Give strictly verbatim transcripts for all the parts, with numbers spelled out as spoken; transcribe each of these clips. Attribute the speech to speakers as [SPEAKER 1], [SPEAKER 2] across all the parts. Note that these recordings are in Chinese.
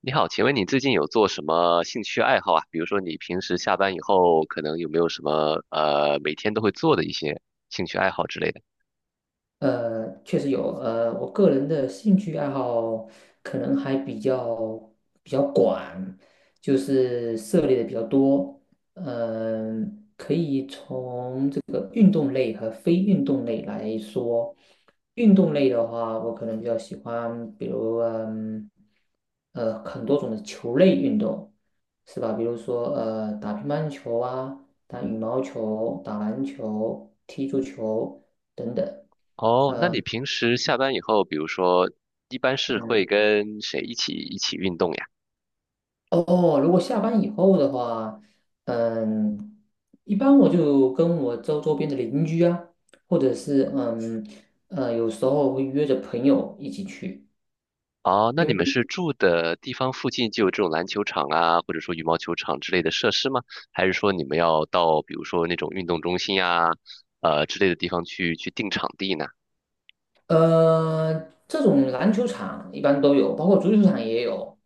[SPEAKER 1] 你好，请问你最近有做什么兴趣爱好啊？比如说你平时下班以后，可能有没有什么呃每天都会做的一些兴趣爱好之类的？
[SPEAKER 2] 呃，确实有，呃，我个人的兴趣爱好可能还比较比较广，就是涉猎的比较多。嗯、从这个运动类和非运动类来说，运动类的话，我可能比较喜欢，比如嗯，呃，很多种的球类运动，是吧？比如说呃，打乒乓球啊，打羽毛球，打篮球，踢足球等等。
[SPEAKER 1] 哦，那你平时下班以后，比如说一般是会
[SPEAKER 2] 嗯。
[SPEAKER 1] 跟谁一起一起运动呀？
[SPEAKER 2] 哦，如果下班以后的话，嗯，一般我就跟我周周边的邻居啊，或者是嗯呃，有时候会约着朋友一起去，
[SPEAKER 1] 哦，那
[SPEAKER 2] 因
[SPEAKER 1] 你们
[SPEAKER 2] 为
[SPEAKER 1] 是住的地方附近就有这种篮球场啊，或者说羽毛球场之类的设施吗？还是说你们要到比如说那种运动中心呀，呃之类的地方去去定场地呢？
[SPEAKER 2] 呃，这种篮球场一般都有，包括足球场也有。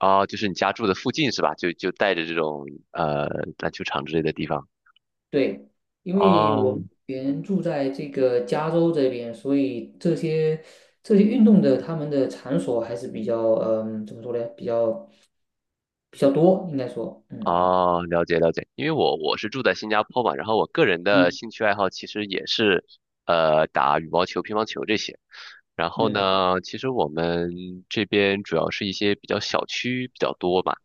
[SPEAKER 1] 哦，就是你家住的附近是吧？就就带着这种呃篮球场之类的地方。
[SPEAKER 2] 对，因为
[SPEAKER 1] 啊
[SPEAKER 2] 我目
[SPEAKER 1] 哦
[SPEAKER 2] 前住在这个加州这边，所以这些这些运动的他们的场所还是比较嗯，怎么说呢？比较比较多，应该说。嗯
[SPEAKER 1] 哦，了解了解。因为我我是住在新加坡嘛，然后我个人的
[SPEAKER 2] 嗯
[SPEAKER 1] 兴趣爱好其实也是呃打羽毛球、乒乓球这些。然后
[SPEAKER 2] 嗯。
[SPEAKER 1] 呢，其实我们这边主要是一些比较小区比较多嘛，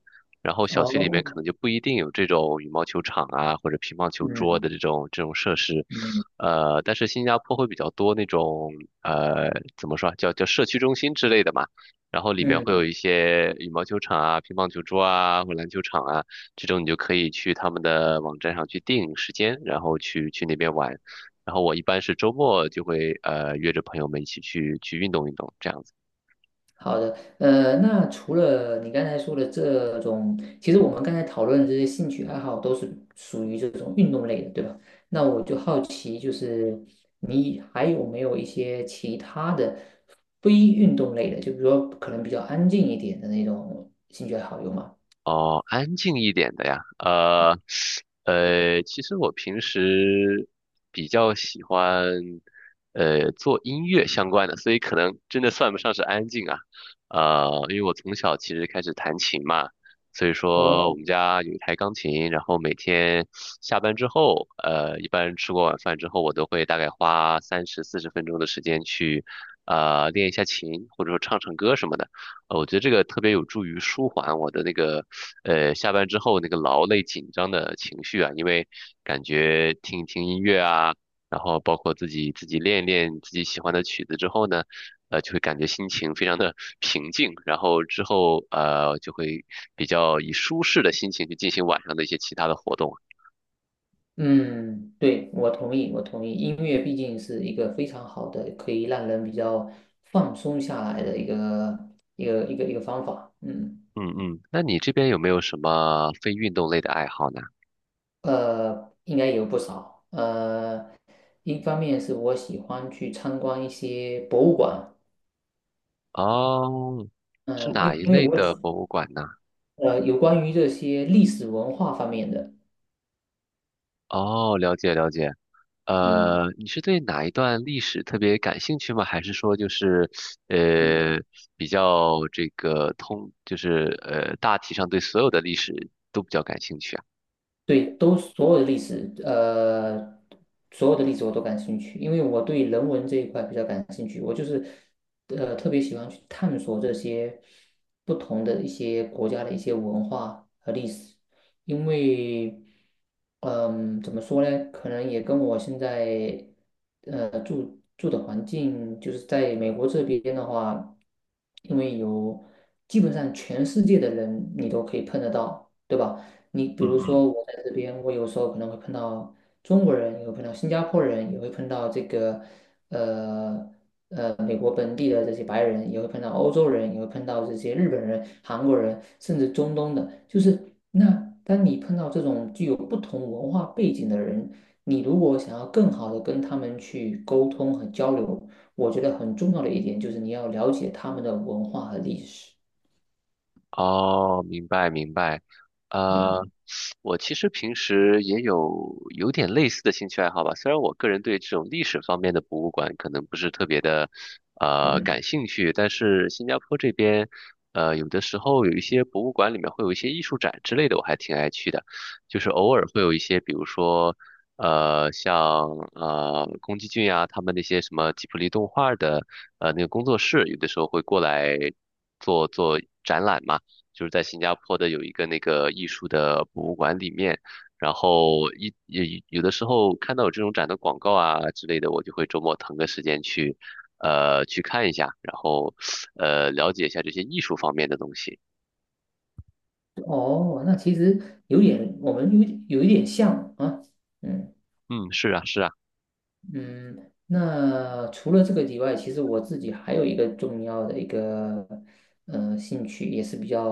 [SPEAKER 1] 然后小区里面可
[SPEAKER 2] 哦。
[SPEAKER 1] 能就不一定有这种羽毛球场啊或者乒乓球桌
[SPEAKER 2] 嗯
[SPEAKER 1] 的这种这种设施，
[SPEAKER 2] 嗯
[SPEAKER 1] 呃，但是新加坡会比较多那种呃怎么说啊叫叫社区中心之类的嘛，然后里面会
[SPEAKER 2] 嗯。
[SPEAKER 1] 有一些羽毛球场啊、乒乓球桌啊或篮球场啊，这种你就可以去他们的网站上去定时间，然后去去那边玩。然后我一般是周末就会呃约着朋友们一起去去运动运动这样子。
[SPEAKER 2] 好的。呃，那除了你刚才说的这种，其实我们刚才讨论的这些兴趣爱好都是属于这种运动类的，对吧？那我就好奇，就是你还有没有一些其他的非运动类的，就比如说可能比较安静一点的那种兴趣爱好，有吗？
[SPEAKER 1] 哦，安静一点的呀，呃，呃，其实我平时比较喜欢，呃，做音乐相关的，所以可能真的算不上是安静啊，呃，因为我从小其实开始弹琴嘛，所以
[SPEAKER 2] 哦。
[SPEAKER 1] 说我们家有一台钢琴，然后每天下班之后，呃，一般吃过晚饭之后，我都会大概花三十四十分钟的时间去，呃，练一下琴，或者说唱唱歌什么的。呃，我觉得这个特别有助于舒缓我的那个呃，下班之后那个劳累紧张的情绪啊，因为感觉听一听音乐啊，然后包括自己自己练一练自己喜欢的曲子之后呢，呃，就会感觉心情非常的平静，然后之后呃就会比较以舒适的心情去进行晚上的一些其他的活动。
[SPEAKER 2] 嗯，对，我同意，我同意。音乐毕竟是一个非常好的，可以让人比较放松下来的一个一个一个一个方法。嗯，
[SPEAKER 1] 嗯嗯，那你这边有没有什么非运动类的爱好呢？
[SPEAKER 2] 呃，应该有不少。呃，一方面是我喜欢去参观一些博物馆，
[SPEAKER 1] 哦，是
[SPEAKER 2] 嗯、
[SPEAKER 1] 哪
[SPEAKER 2] 因
[SPEAKER 1] 一类
[SPEAKER 2] 为我
[SPEAKER 1] 的
[SPEAKER 2] 喜
[SPEAKER 1] 博物馆呢？
[SPEAKER 2] 呃有关于这些历史文化方面的。
[SPEAKER 1] 哦，了解了解。
[SPEAKER 2] 嗯
[SPEAKER 1] 呃，你是对哪一段历史特别感兴趣吗？还是说就是，
[SPEAKER 2] 嗯。
[SPEAKER 1] 呃，比较这个通，就是呃，大体上对所有的历史都比较感兴趣啊？
[SPEAKER 2] 对，都所有的历史，呃，所有的历史我都感兴趣，因为我对人文这一块比较感兴趣。我就是，呃，特别喜欢去探索这些不同的一些国家的一些文化和历史。因为，嗯、怎么说呢？可能也跟我现在，呃，住住的环境，就是在美国这边的话，因为有基本上全世界的人你都可以碰得到。对吧？你比如说，我在这边，我有时候可能会碰到中国人，也会碰到新加坡人，也会碰到这个呃呃美国本地的这些白人，也会碰到欧洲人，也会碰到这些日本人、韩国人，甚至中东的。就是那当你碰到这种具有不同文化背景的人，你如果想要更好的跟他们去沟通和交流，我觉得很重要的一点就是你要了解他们的文化和历史。
[SPEAKER 1] 哦，明白明白，呃，
[SPEAKER 2] 嗯
[SPEAKER 1] 我其实平时也有有点类似的兴趣爱好吧，虽然我个人对这种历史方面的博物馆可能不是特别的呃
[SPEAKER 2] 嗯。
[SPEAKER 1] 感兴趣，但是新加坡这边呃有的时候有一些博物馆里面会有一些艺术展之类的，我还挺爱去的，就是偶尔会有一些，比如说呃像呃宫崎骏啊他们那些什么吉卜力动画的呃那个工作室，有的时候会过来做做展览嘛。就是在新加坡的有一个那个艺术的博物馆里面，然后一也有的时候看到有这种展的广告啊之类的，我就会周末腾个时间去，呃，去看一下，然后呃了解一下这些艺术方面的东西。
[SPEAKER 2] 哦，那其实有点，我们有有一点像啊。嗯
[SPEAKER 1] 嗯，是啊，是啊。
[SPEAKER 2] 嗯，那除了这个以外，其实我自己还有一个重要的一个呃兴趣，也是比较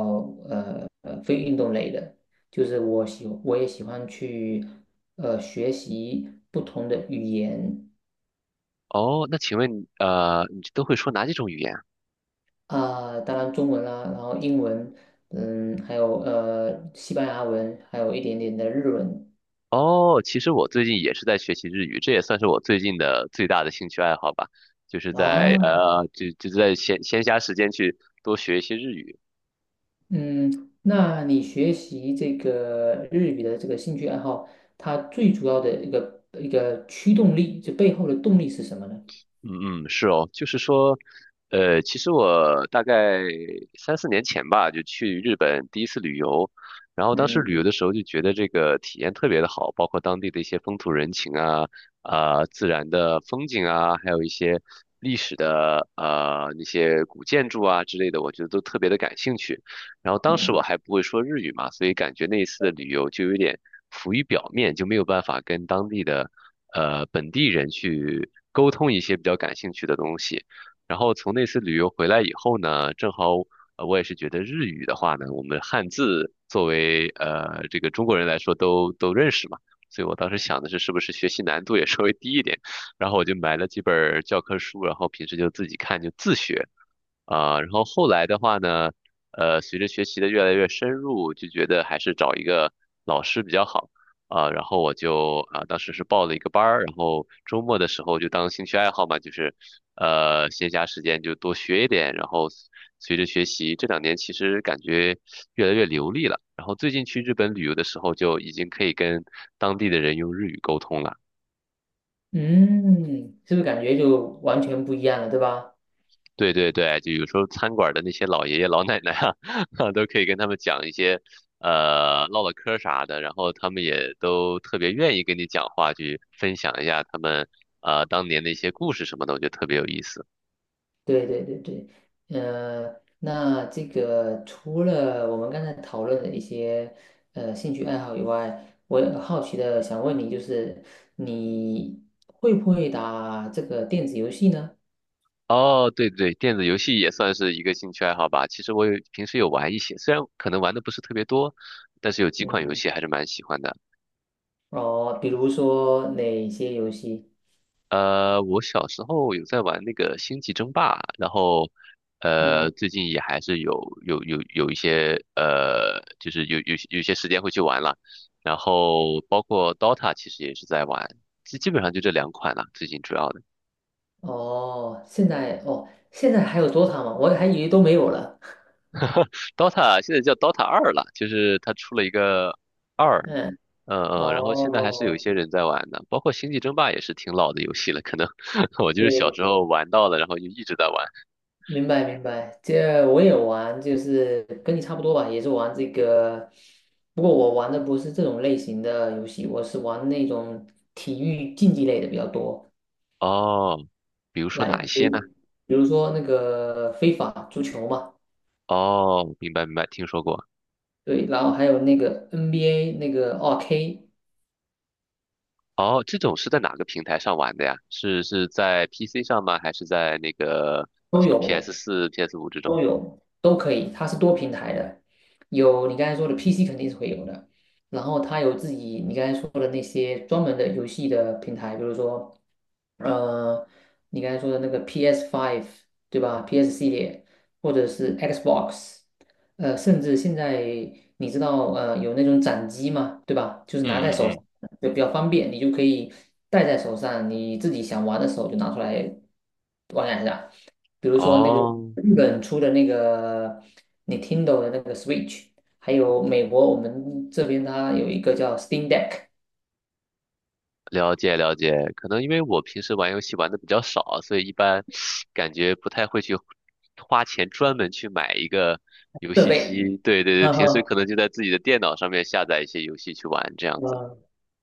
[SPEAKER 2] 呃呃非运动类的，就是我喜我也喜欢去呃学习不同的语言。
[SPEAKER 1] 哦，那请问呃，你都会说哪几种语言啊？
[SPEAKER 2] 啊，当然中文啦，然后英文，嗯，还有呃西班牙文，还有一点点的日文。
[SPEAKER 1] 哦，其实我最近也是在学习日语，这也算是我最近的最大的兴趣爱好吧，就是在
[SPEAKER 2] 啊。
[SPEAKER 1] 呃，就就在闲闲暇时间去多学一些日语。
[SPEAKER 2] 嗯，那你学习这个日语的这个兴趣爱好，它最主要的一个一个驱动力，就背后的动力是什么呢？
[SPEAKER 1] 嗯嗯，是哦，就是说，呃，其实我大概三四年前吧，就去日本第一次旅游，然后当时
[SPEAKER 2] 嗯
[SPEAKER 1] 旅游的时候就觉得这个体验特别的好，包括当地的一些风土人情啊、啊、自然的风景啊，还有一些历史的呃那些古建筑啊之类的，我觉得都特别的感兴趣。然后当时
[SPEAKER 2] 嗯。
[SPEAKER 1] 我还不会说日语嘛，所以感觉那一次的旅游就有点浮于表面，就没有办法跟当地的呃本地人去沟通一些比较感兴趣的东西。然后从那次旅游回来以后呢，正好呃我也是觉得日语的话呢，我们汉字作为呃这个中国人来说都都认识嘛，所以我当时想的是是不是学习难度也稍微低一点，然后我就买了几本儿教科书，然后平时就自己看就自学。啊、然后后来的话呢，呃，随着学习的越来越深入，就觉得还是找一个老师比较好啊。然后我就啊，当时是报了一个班儿，然后周末的时候就当兴趣爱好嘛，就是呃，闲暇时间就多学一点。然后随着学习，这两年其实感觉越来越流利了。然后最近去日本旅游的时候，就已经可以跟当地的人用日语沟通了。
[SPEAKER 2] 嗯，是不是感觉就完全不一样了，对吧？
[SPEAKER 1] 对对对，就有时候餐馆的那些老爷爷老奶奶啊，都可以跟他们讲一些，呃，唠唠嗑儿啥的，然后他们也都特别愿意跟你讲话，去分享一下他们呃当年的一些故事什么的，我觉得特别有意思。
[SPEAKER 2] 对对对对。呃，那这个除了我们刚才讨论的一些呃兴趣爱好以外，我也好奇的想问你，就是你会不会打这个电子游戏呢？
[SPEAKER 1] 哦，对对对，电子游戏也算是一个兴趣爱好吧。其实我有平时有玩一些，虽然可能玩的不是特别多，但是有几款游
[SPEAKER 2] 嗯。
[SPEAKER 1] 戏还是蛮喜欢的。
[SPEAKER 2] 哦，比如说哪些游戏？
[SPEAKER 1] 呃，我小时候有在玩那个《星际争霸》，然后，呃，
[SPEAKER 2] 嗯。
[SPEAKER 1] 最近也还是有有有有一些呃，就是有有有些时间会去玩了，然后包括 Dota 其实也是在玩，基基本上就这两款了，最近主要的。
[SPEAKER 2] 哦，现在哦，现在还有 D O T A 吗？我还以为都没有了。
[SPEAKER 1] Dota 现在叫 Dota 二了，就是它出了一个二，
[SPEAKER 2] 嗯。
[SPEAKER 1] 嗯嗯，然后现在还是有一
[SPEAKER 2] 哦，
[SPEAKER 1] 些人在玩的，包括《星际争霸》也是挺老的游戏了，可能 我就是小
[SPEAKER 2] 对，
[SPEAKER 1] 时候玩到了，然后就一直在玩。
[SPEAKER 2] 明白明白。这我也玩，就是跟你差不多吧，也是玩这个。不过我玩的不是这种类型的游戏，我是玩那种体育竞技类的比较多。
[SPEAKER 1] 哦，比如说
[SPEAKER 2] 来，
[SPEAKER 1] 哪一
[SPEAKER 2] 比
[SPEAKER 1] 些
[SPEAKER 2] 如
[SPEAKER 1] 呢？
[SPEAKER 2] 比如说那个非法足球嘛。
[SPEAKER 1] 哦，明白明白，听说过。
[SPEAKER 2] 对，然后还有那个 N B A 那个二 k
[SPEAKER 1] 哦，这种是在哪个平台上玩的呀？是是在 P C 上吗？还是在那个
[SPEAKER 2] 都
[SPEAKER 1] 像
[SPEAKER 2] 有。
[SPEAKER 1] P S 四、P S 五 这种？
[SPEAKER 2] 都有，都可以，它是多平台的，有你刚才说的 P C 肯定是会有的，然后它有自己你刚才说的那些专门的游戏的平台，比如说呃，你刚才说的那个 P S five 对吧？P S 系列或者是 Xbox，呃，甚至现在你知道呃有那种掌机嘛，对吧？就是拿在手上就比较方便，你就可以戴在手上，你自己想玩的时候就拿出来，比如说那个
[SPEAKER 1] 哦，
[SPEAKER 2] 日本出的那个 Nintendo 的那个 Switch，还有美国我们这边它有一个叫 Steam Deck
[SPEAKER 1] 了解了解。可能因为我平时玩游戏玩的比较少，所以一般感觉不太会去花钱专门去买一个游
[SPEAKER 2] 设
[SPEAKER 1] 戏机。
[SPEAKER 2] 备。
[SPEAKER 1] 对对对，
[SPEAKER 2] 嗯
[SPEAKER 1] 平时
[SPEAKER 2] 哼。
[SPEAKER 1] 可能就在自己的电脑上面下载一些游戏去玩这样子。
[SPEAKER 2] 嗯，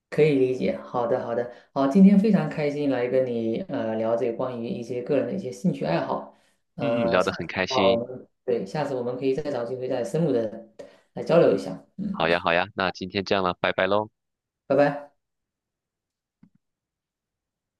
[SPEAKER 2] 可以理解。好的，好的，好，今天非常开心来跟你呃了解关于一些个人的一些兴趣爱好。
[SPEAKER 1] 嗯嗯，
[SPEAKER 2] 呃，
[SPEAKER 1] 聊得
[SPEAKER 2] 下次
[SPEAKER 1] 很
[SPEAKER 2] 的
[SPEAKER 1] 开
[SPEAKER 2] 话我
[SPEAKER 1] 心。
[SPEAKER 2] 们对下次我们可以再找机会再深入的来交流一下。嗯。
[SPEAKER 1] 好呀好呀，那今天这样了，拜拜喽。
[SPEAKER 2] 拜拜。